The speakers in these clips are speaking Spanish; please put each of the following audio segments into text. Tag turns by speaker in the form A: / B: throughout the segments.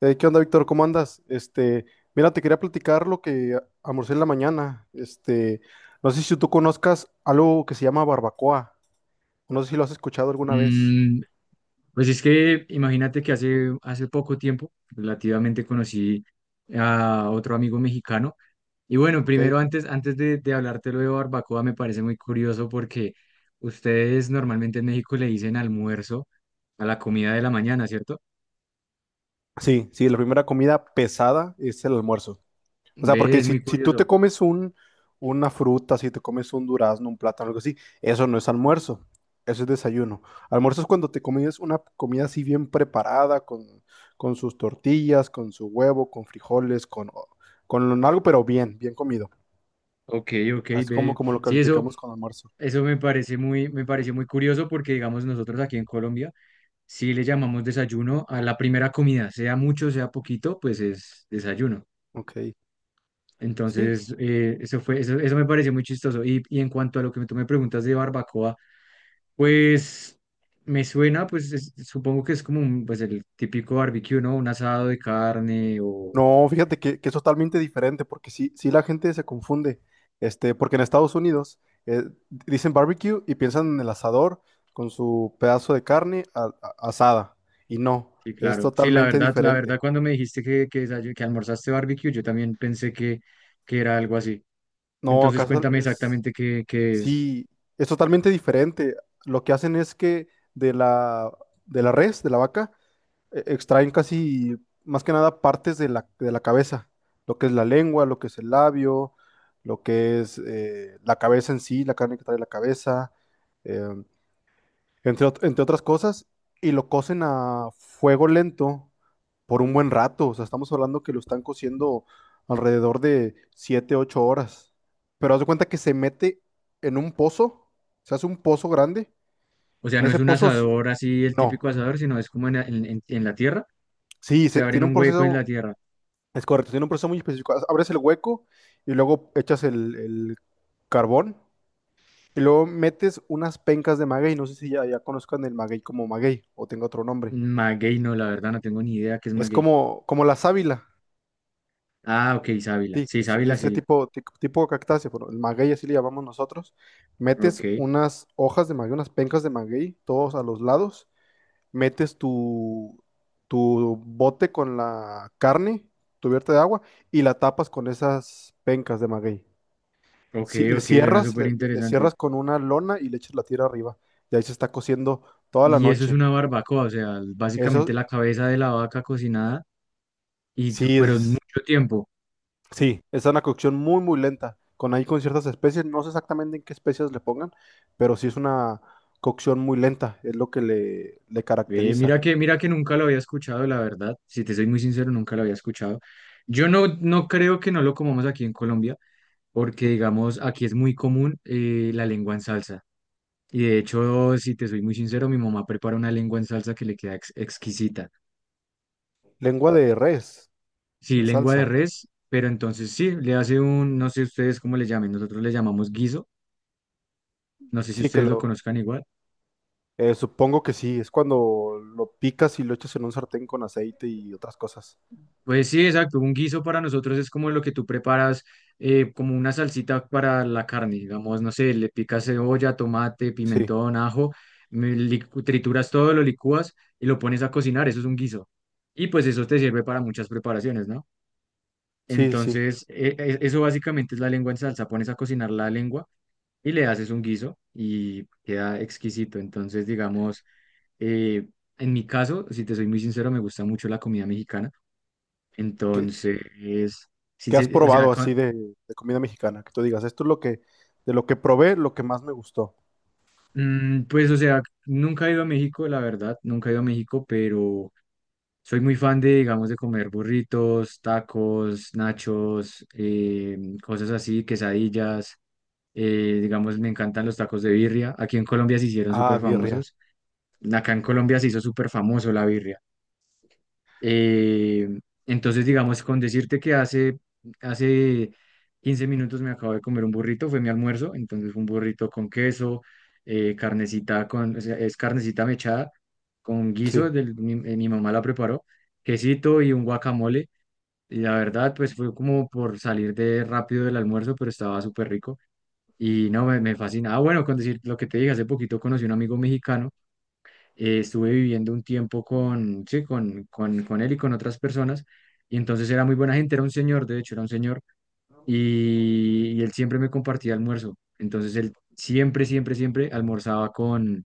A: ¿Qué onda, Víctor? ¿Cómo andas? Mira, te quería platicar lo que almorcé en la mañana. No sé si tú conozcas algo que se llama barbacoa. No sé si lo has escuchado alguna vez.
B: Mm, pues es que imagínate que hace poco tiempo relativamente conocí a otro amigo mexicano. Y bueno,
A: Ok.
B: primero antes de hablarte lo de barbacoa, me parece muy curioso porque ustedes normalmente en México le dicen almuerzo a la comida de la mañana, ¿cierto?
A: Sí, sí, la primera comida pesada es el almuerzo. O sea,
B: Ve,
A: porque
B: es
A: si,
B: muy
A: si tú te
B: curioso.
A: comes una fruta, si te comes un durazno, un plátano, algo así, eso no es almuerzo, eso es desayuno. Almuerzo es cuando te comes una comida así bien preparada, con sus tortillas, con su huevo, con frijoles, con algo, pero bien, bien comido.
B: Ok, ok,
A: Así como,
B: ve.
A: como lo
B: Sí, eso,
A: calificamos con almuerzo.
B: eso me parece muy, me pareció muy curioso porque, digamos, nosotros aquí en Colombia sí le llamamos desayuno a la primera comida, sea mucho, sea poquito, pues es desayuno.
A: Ok. Sí.
B: Entonces, eso fue, eso me pareció muy chistoso. Y en cuanto a lo que tú me preguntas de barbacoa, pues me suena, pues supongo que es como un, pues el típico barbecue, ¿no? Un asado de carne o...
A: No, fíjate que es totalmente diferente, porque sí, sí la gente se confunde. Porque en Estados Unidos eh, dicen barbecue y piensan en el asador con su pedazo de carne asada. Y no,
B: Sí,
A: es
B: claro. Sí,
A: totalmente
B: la verdad,
A: diferente.
B: cuando me dijiste que almorzaste barbecue, yo también pensé que era algo así.
A: No,
B: Entonces, cuéntame exactamente qué es.
A: sí, es totalmente diferente. Lo que hacen es que de la, de la res, de la vaca, extraen casi, más que nada, partes de la cabeza, lo que es la lengua, lo que es el labio, lo que es la cabeza en sí, la carne que trae la cabeza, em, entre otras cosas, y lo cocen a fuego lento por un buen rato. O sea, estamos hablando que lo están cociendo alrededor de 7 u 8 horas, pero haz de cuenta que se mete en un pozo, se hace un pozo grande,
B: O sea,
A: en
B: no es
A: ese
B: un
A: pozo,
B: asador así, el
A: no,
B: típico asador, sino es como en la tierra.
A: sí,
B: O sea, abren
A: tiene un
B: un hueco en
A: proceso.
B: la tierra.
A: Es correcto, tiene un proceso muy específico. Abres el hueco y luego echas el carbón y luego metes unas pencas de maguey. No sé si ya conozcan el maguey como maguey o tenga otro nombre.
B: Maguey, no, la verdad, no tengo ni idea qué es
A: Es
B: maguey.
A: como, como la sábila,
B: Ah, ok, sábila.
A: sí,
B: Sí,
A: es de
B: sábila,
A: este
B: sí.
A: tipo, tipo de cactácea, pero el maguey así le llamamos nosotros. Metes
B: Ok,
A: unas hojas de maguey, unas pencas de maguey, todos a los lados. Metes tu, tu bote con la carne cubierta de agua y la tapas con esas pencas de maguey. Sí, le
B: ok, suena
A: cierras,
B: súper
A: le
B: interesante.
A: cierras con una lona y le echas la tira arriba. Y ahí se está cociendo toda la
B: Y eso es
A: noche.
B: una barbacoa, o sea,
A: Eso
B: básicamente la cabeza de la vaca cocinada,
A: sí
B: pero en
A: es,
B: mucho tiempo.
A: sí, es una cocción muy, muy lenta. Con ahí con ciertas especies, no sé exactamente en qué especies le pongan, pero sí es una cocción muy lenta, es lo que le
B: Ve,
A: caracteriza.
B: mira que nunca lo había escuchado, la verdad. Si te soy muy sincero, nunca lo había escuchado. Yo no, no creo que no lo comamos aquí en Colombia, porque digamos, aquí es muy común la lengua en salsa. Y de hecho, si te soy muy sincero, mi mamá prepara una lengua en salsa que le queda exquisita.
A: Lengua de res
B: Sí,
A: en
B: lengua de
A: salsa.
B: res, pero entonces sí, le hace un, no sé ustedes cómo le llamen, nosotros le llamamos guiso, no sé si
A: Sí,
B: ustedes lo conozcan igual.
A: supongo que sí, es cuando lo picas y lo echas en un sartén con aceite y otras cosas.
B: Pues sí, exacto, un guiso para nosotros es como lo que tú preparas, como una salsita para la carne, digamos, no sé, le picas cebolla, tomate,
A: Sí,
B: pimentón, ajo, trituras todo, lo licúas y lo pones a cocinar, eso es un guiso. Y pues eso te sirve para muchas preparaciones, ¿no?
A: sí, sí.
B: Entonces, eso básicamente es la lengua en salsa, pones a cocinar la lengua y le haces un guiso y queda exquisito. Entonces, digamos, eh, en mi caso, si te soy muy sincero, me gusta mucho la comida mexicana.
A: ¿Qué,
B: Entonces, sí,
A: ¿Qué has
B: o
A: probado
B: sea,
A: así de comida mexicana? Que tú digas, esto es de lo que probé, lo que más me gustó.
B: mm, pues, o sea, nunca he ido a México, la verdad, nunca he ido a México, pero soy muy fan de, digamos, de comer burritos, tacos, nachos, cosas así, quesadillas. Digamos, me encantan los tacos de birria. Aquí en Colombia se hicieron
A: Ah,
B: súper
A: birria.
B: famosos. Acá en Colombia se hizo súper famoso la birria. Eh, entonces, digamos, con decirte hace 15 minutos me acabo de comer un burrito, fue mi almuerzo, entonces fue un burrito con queso, carnecita con, o sea, es carnecita mechada con guiso,
A: Sí.
B: mi mamá la preparó, quesito y un guacamole, y la verdad, pues fue como por salir de rápido del almuerzo, pero estaba súper rico, y no, me fascina. Ah, bueno, con decir lo que te dije, hace poquito conocí un amigo mexicano, estuve viviendo un tiempo con él y con otras personas, y entonces era muy buena gente, era un señor, de hecho, era un señor, y él siempre me compartía almuerzo, entonces él siempre almorzaba con,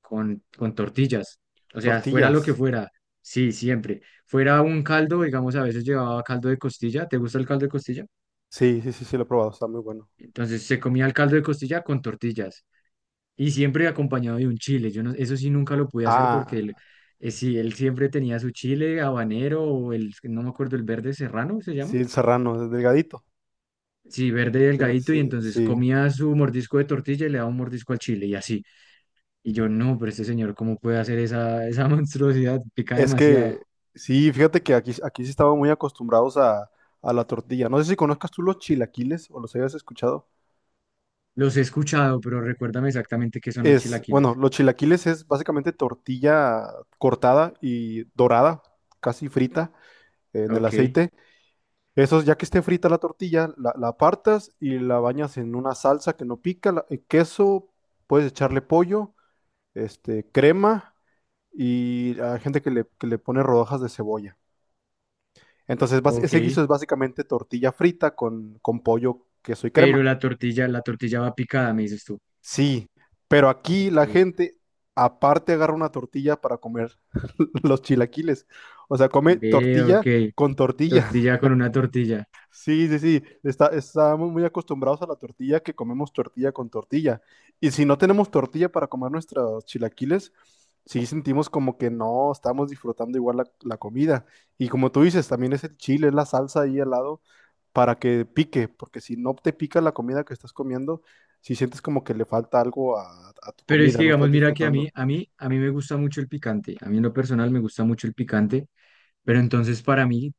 B: con, con tortillas, o sea, fuera lo
A: Tortillas.
B: que fuera, sí, siempre. Fuera un caldo, digamos, a veces llevaba caldo de costilla, ¿te gusta el caldo de costilla?
A: Sí, sí, sí, sí, lo he probado. Está muy bueno.
B: Entonces se comía el caldo de costilla con tortillas. Y siempre acompañado de un chile. Yo no, eso sí nunca lo pude hacer porque él,
A: Ah,
B: sí, él siempre tenía su chile habanero o el, no me acuerdo, el verde serrano se
A: sí,
B: llama.
A: el serrano, el delgadito.
B: Sí, verde
A: Sí,
B: delgadito y
A: sí.
B: entonces
A: Sí.
B: comía su mordisco de tortilla y le daba un mordisco al chile y así. Y yo, no, pero este señor, ¿cómo puede hacer esa monstruosidad? Pica
A: Es
B: demasiado.
A: que, sí, fíjate que aquí sí estaban muy acostumbrados a la tortilla. No sé si conozcas tú los chilaquiles o los hayas escuchado.
B: Los he escuchado, pero recuérdame exactamente qué son los
A: Bueno,
B: chilaquiles.
A: los chilaquiles es básicamente tortilla cortada y dorada, casi frita en el
B: Ok,
A: aceite. Eso, ya que esté frita la tortilla, la apartas y la bañas en una salsa que no pica, queso, puedes echarle pollo, crema y hay gente que le pone rodajas de cebolla. Entonces, ese
B: ok.
A: guiso es básicamente tortilla frita con pollo, queso y
B: Pero
A: crema.
B: la tortilla va picada, me dices tú.
A: Sí, pero aquí la
B: Ok.
A: gente aparte agarra una tortilla para comer los chilaquiles. O sea, come
B: Ve, ok.
A: tortilla con tortilla.
B: Tortilla con una tortilla.
A: Sí, sí, sí. Estamos muy acostumbrados a la tortilla que comemos tortilla con tortilla. Y si no tenemos tortilla para comer nuestros chilaquiles, sí sentimos como que no estamos disfrutando igual la comida. Y como tú dices, también es el chile, es la salsa ahí al lado para que pique, porque si no te pica la comida que estás comiendo, si sientes como que le falta algo a tu
B: Pero es
A: comida,
B: que,
A: no estás
B: digamos, mira que a
A: disfrutando.
B: mí, a mí, a mí me gusta mucho el picante. A mí en lo personal me gusta mucho el picante, pero entonces para mí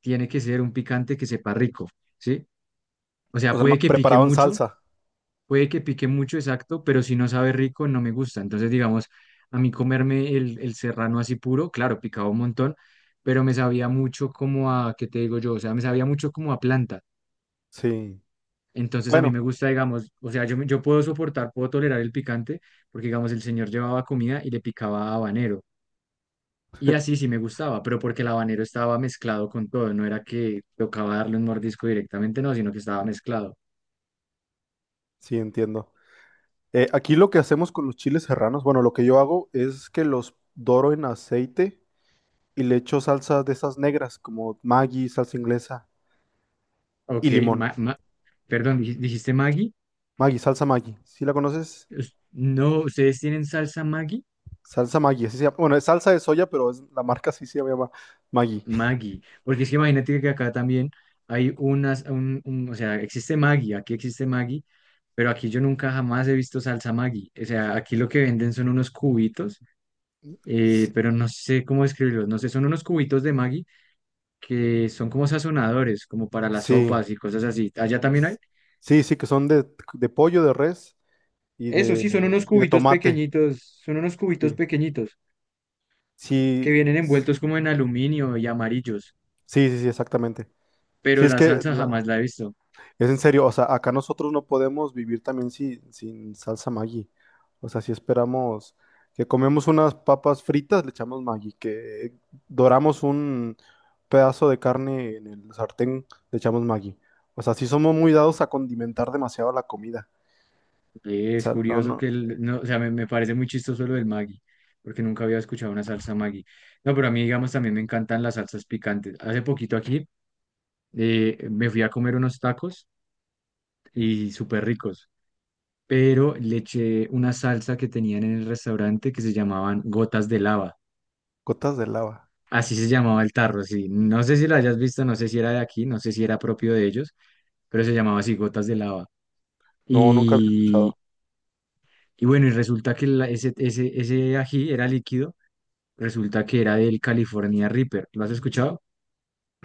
B: tiene que ser un picante que sepa rico, ¿sí? O
A: O
B: sea,
A: sea, más preparado en salsa.
B: puede que pique mucho, exacto, pero si no sabe rico, no me gusta. Entonces, digamos, a mí comerme el serrano así puro, claro, picaba un montón, pero me sabía mucho como a, ¿qué te digo yo? O sea, me sabía mucho como a planta.
A: Sí.
B: Entonces a mí
A: Bueno,
B: me gusta, digamos, o sea, yo puedo soportar, puedo tolerar el picante, porque digamos, el señor llevaba comida y le picaba habanero. Y así sí me gustaba, pero porque el habanero estaba mezclado con todo, no era que tocaba darle un mordisco directamente, no, sino que estaba mezclado.
A: sí entiendo. Aquí lo que hacemos con los chiles serranos, bueno, lo que yo hago es que los doro en aceite y le echo salsas de esas negras, como Maggi, salsa inglesa y
B: Ok,
A: limón.
B: ma- ma- ¿Dijiste Maggi?
A: Maggi, salsa Maggi. ¿Sí la conoces?
B: No, ¿ustedes tienen salsa Maggi?
A: Salsa Maggi, así se llama. Bueno, es salsa de soya, la marca sí se llama Maggi.
B: Maggi, porque es que imagínate que acá también hay unas, un- o sea, existe Maggi, aquí existe Maggi, pero aquí yo nunca jamás he visto salsa Maggi. O sea, aquí lo que venden son unos cubitos,
A: Sí,
B: pero no sé cómo describirlos, no sé, son unos cubitos de Maggi que son como sazonadores, como para las
A: sí,
B: sopas y cosas así. Allá también hay.
A: s- sí, sí, que son de pollo, de res y
B: Eso sí,
A: de, y de tomate.
B: son unos cubitos
A: Sí,
B: pequeñitos
A: sí,
B: que vienen envueltos como en aluminio y amarillos,
A: sí, sí, sí, exactamente. Sí,
B: pero
A: es
B: la
A: que
B: salsa jamás la he visto.
A: es en serio. O sea, acá nosotros no podemos vivir también sin salsa Maggi. O sea, si esperamos que comemos unas papas fritas, le echamos Maggi, que doramos un pedazo de carne en el sartén, le echamos Maggi. O sea, sí somos muy dados a condimentar demasiado la comida. O
B: Es
A: sea, no,
B: curioso
A: no,
B: que, no, o sea, me parece muy chistoso lo del Maggi, porque nunca había escuchado una salsa Maggi. No, pero a mí, digamos, también me encantan las salsas picantes. Hace poquito aquí me fui a comer unos tacos y súper ricos. Pero le eché una salsa que tenían en el restaurante que se llamaban gotas de lava.
A: gotas de lava.
B: Así se llamaba el tarro, sí. No sé si lo hayas visto, no sé si era de aquí, no sé si era propio de ellos, pero se llamaba así, gotas de lava.
A: No, nunca había
B: Y,
A: escuchado.
B: y bueno, y resulta que ese, ese ají era líquido, resulta que era del California Reaper. ¿Lo has escuchado?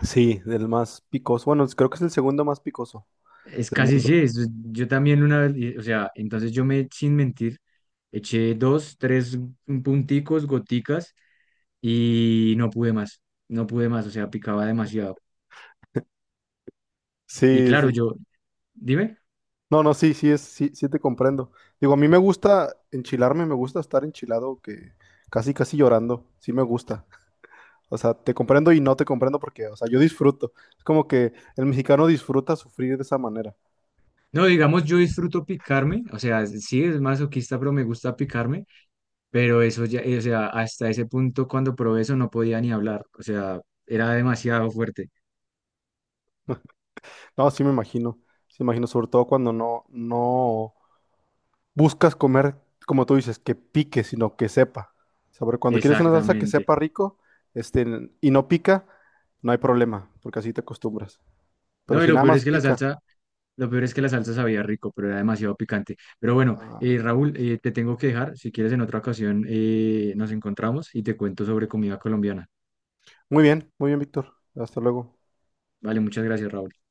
A: Sí, del más picoso. Bueno, creo que es el segundo más picoso
B: Es
A: del
B: casi
A: mundo.
B: sí, yo también una vez, o sea, entonces yo me, sin mentir, eché dos, tres punticos, goticas y no pude más, no pude más, o sea, picaba demasiado. Y
A: Sí,
B: claro,
A: sí.
B: yo, dime,
A: No, no, sí, sí, sí, sí te comprendo. Digo, a mí me gusta enchilarme, me gusta estar enchilado, que casi, casi llorando, sí me gusta. O sea, te comprendo y no te comprendo porque, o sea, yo disfruto. Es como que el mexicano disfruta sufrir de esa manera.
B: no, digamos, yo disfruto picarme, o sea, sí es masoquista, pero me gusta picarme, pero eso ya, o sea, hasta ese punto cuando probé eso no podía ni hablar, o sea, era demasiado fuerte,
A: No, sí me imagino, sobre todo cuando no, no buscas comer, como tú dices, que pique, sino que sepa. O sea, sobre cuando quieres una salsa que
B: exactamente.
A: sepa rico, y no pica, no hay problema, porque así te acostumbras. Pero
B: No, y
A: si
B: lo
A: nada
B: peor
A: más
B: es que la
A: pica,
B: salsa, lo peor es que la salsa sabía rico, pero era demasiado picante. Pero bueno,
A: ah,
B: Raúl, te tengo que dejar, si quieres en otra ocasión nos encontramos y te cuento sobre comida colombiana.
A: muy bien, muy bien, Víctor. Hasta luego.
B: Vale, muchas gracias, Raúl.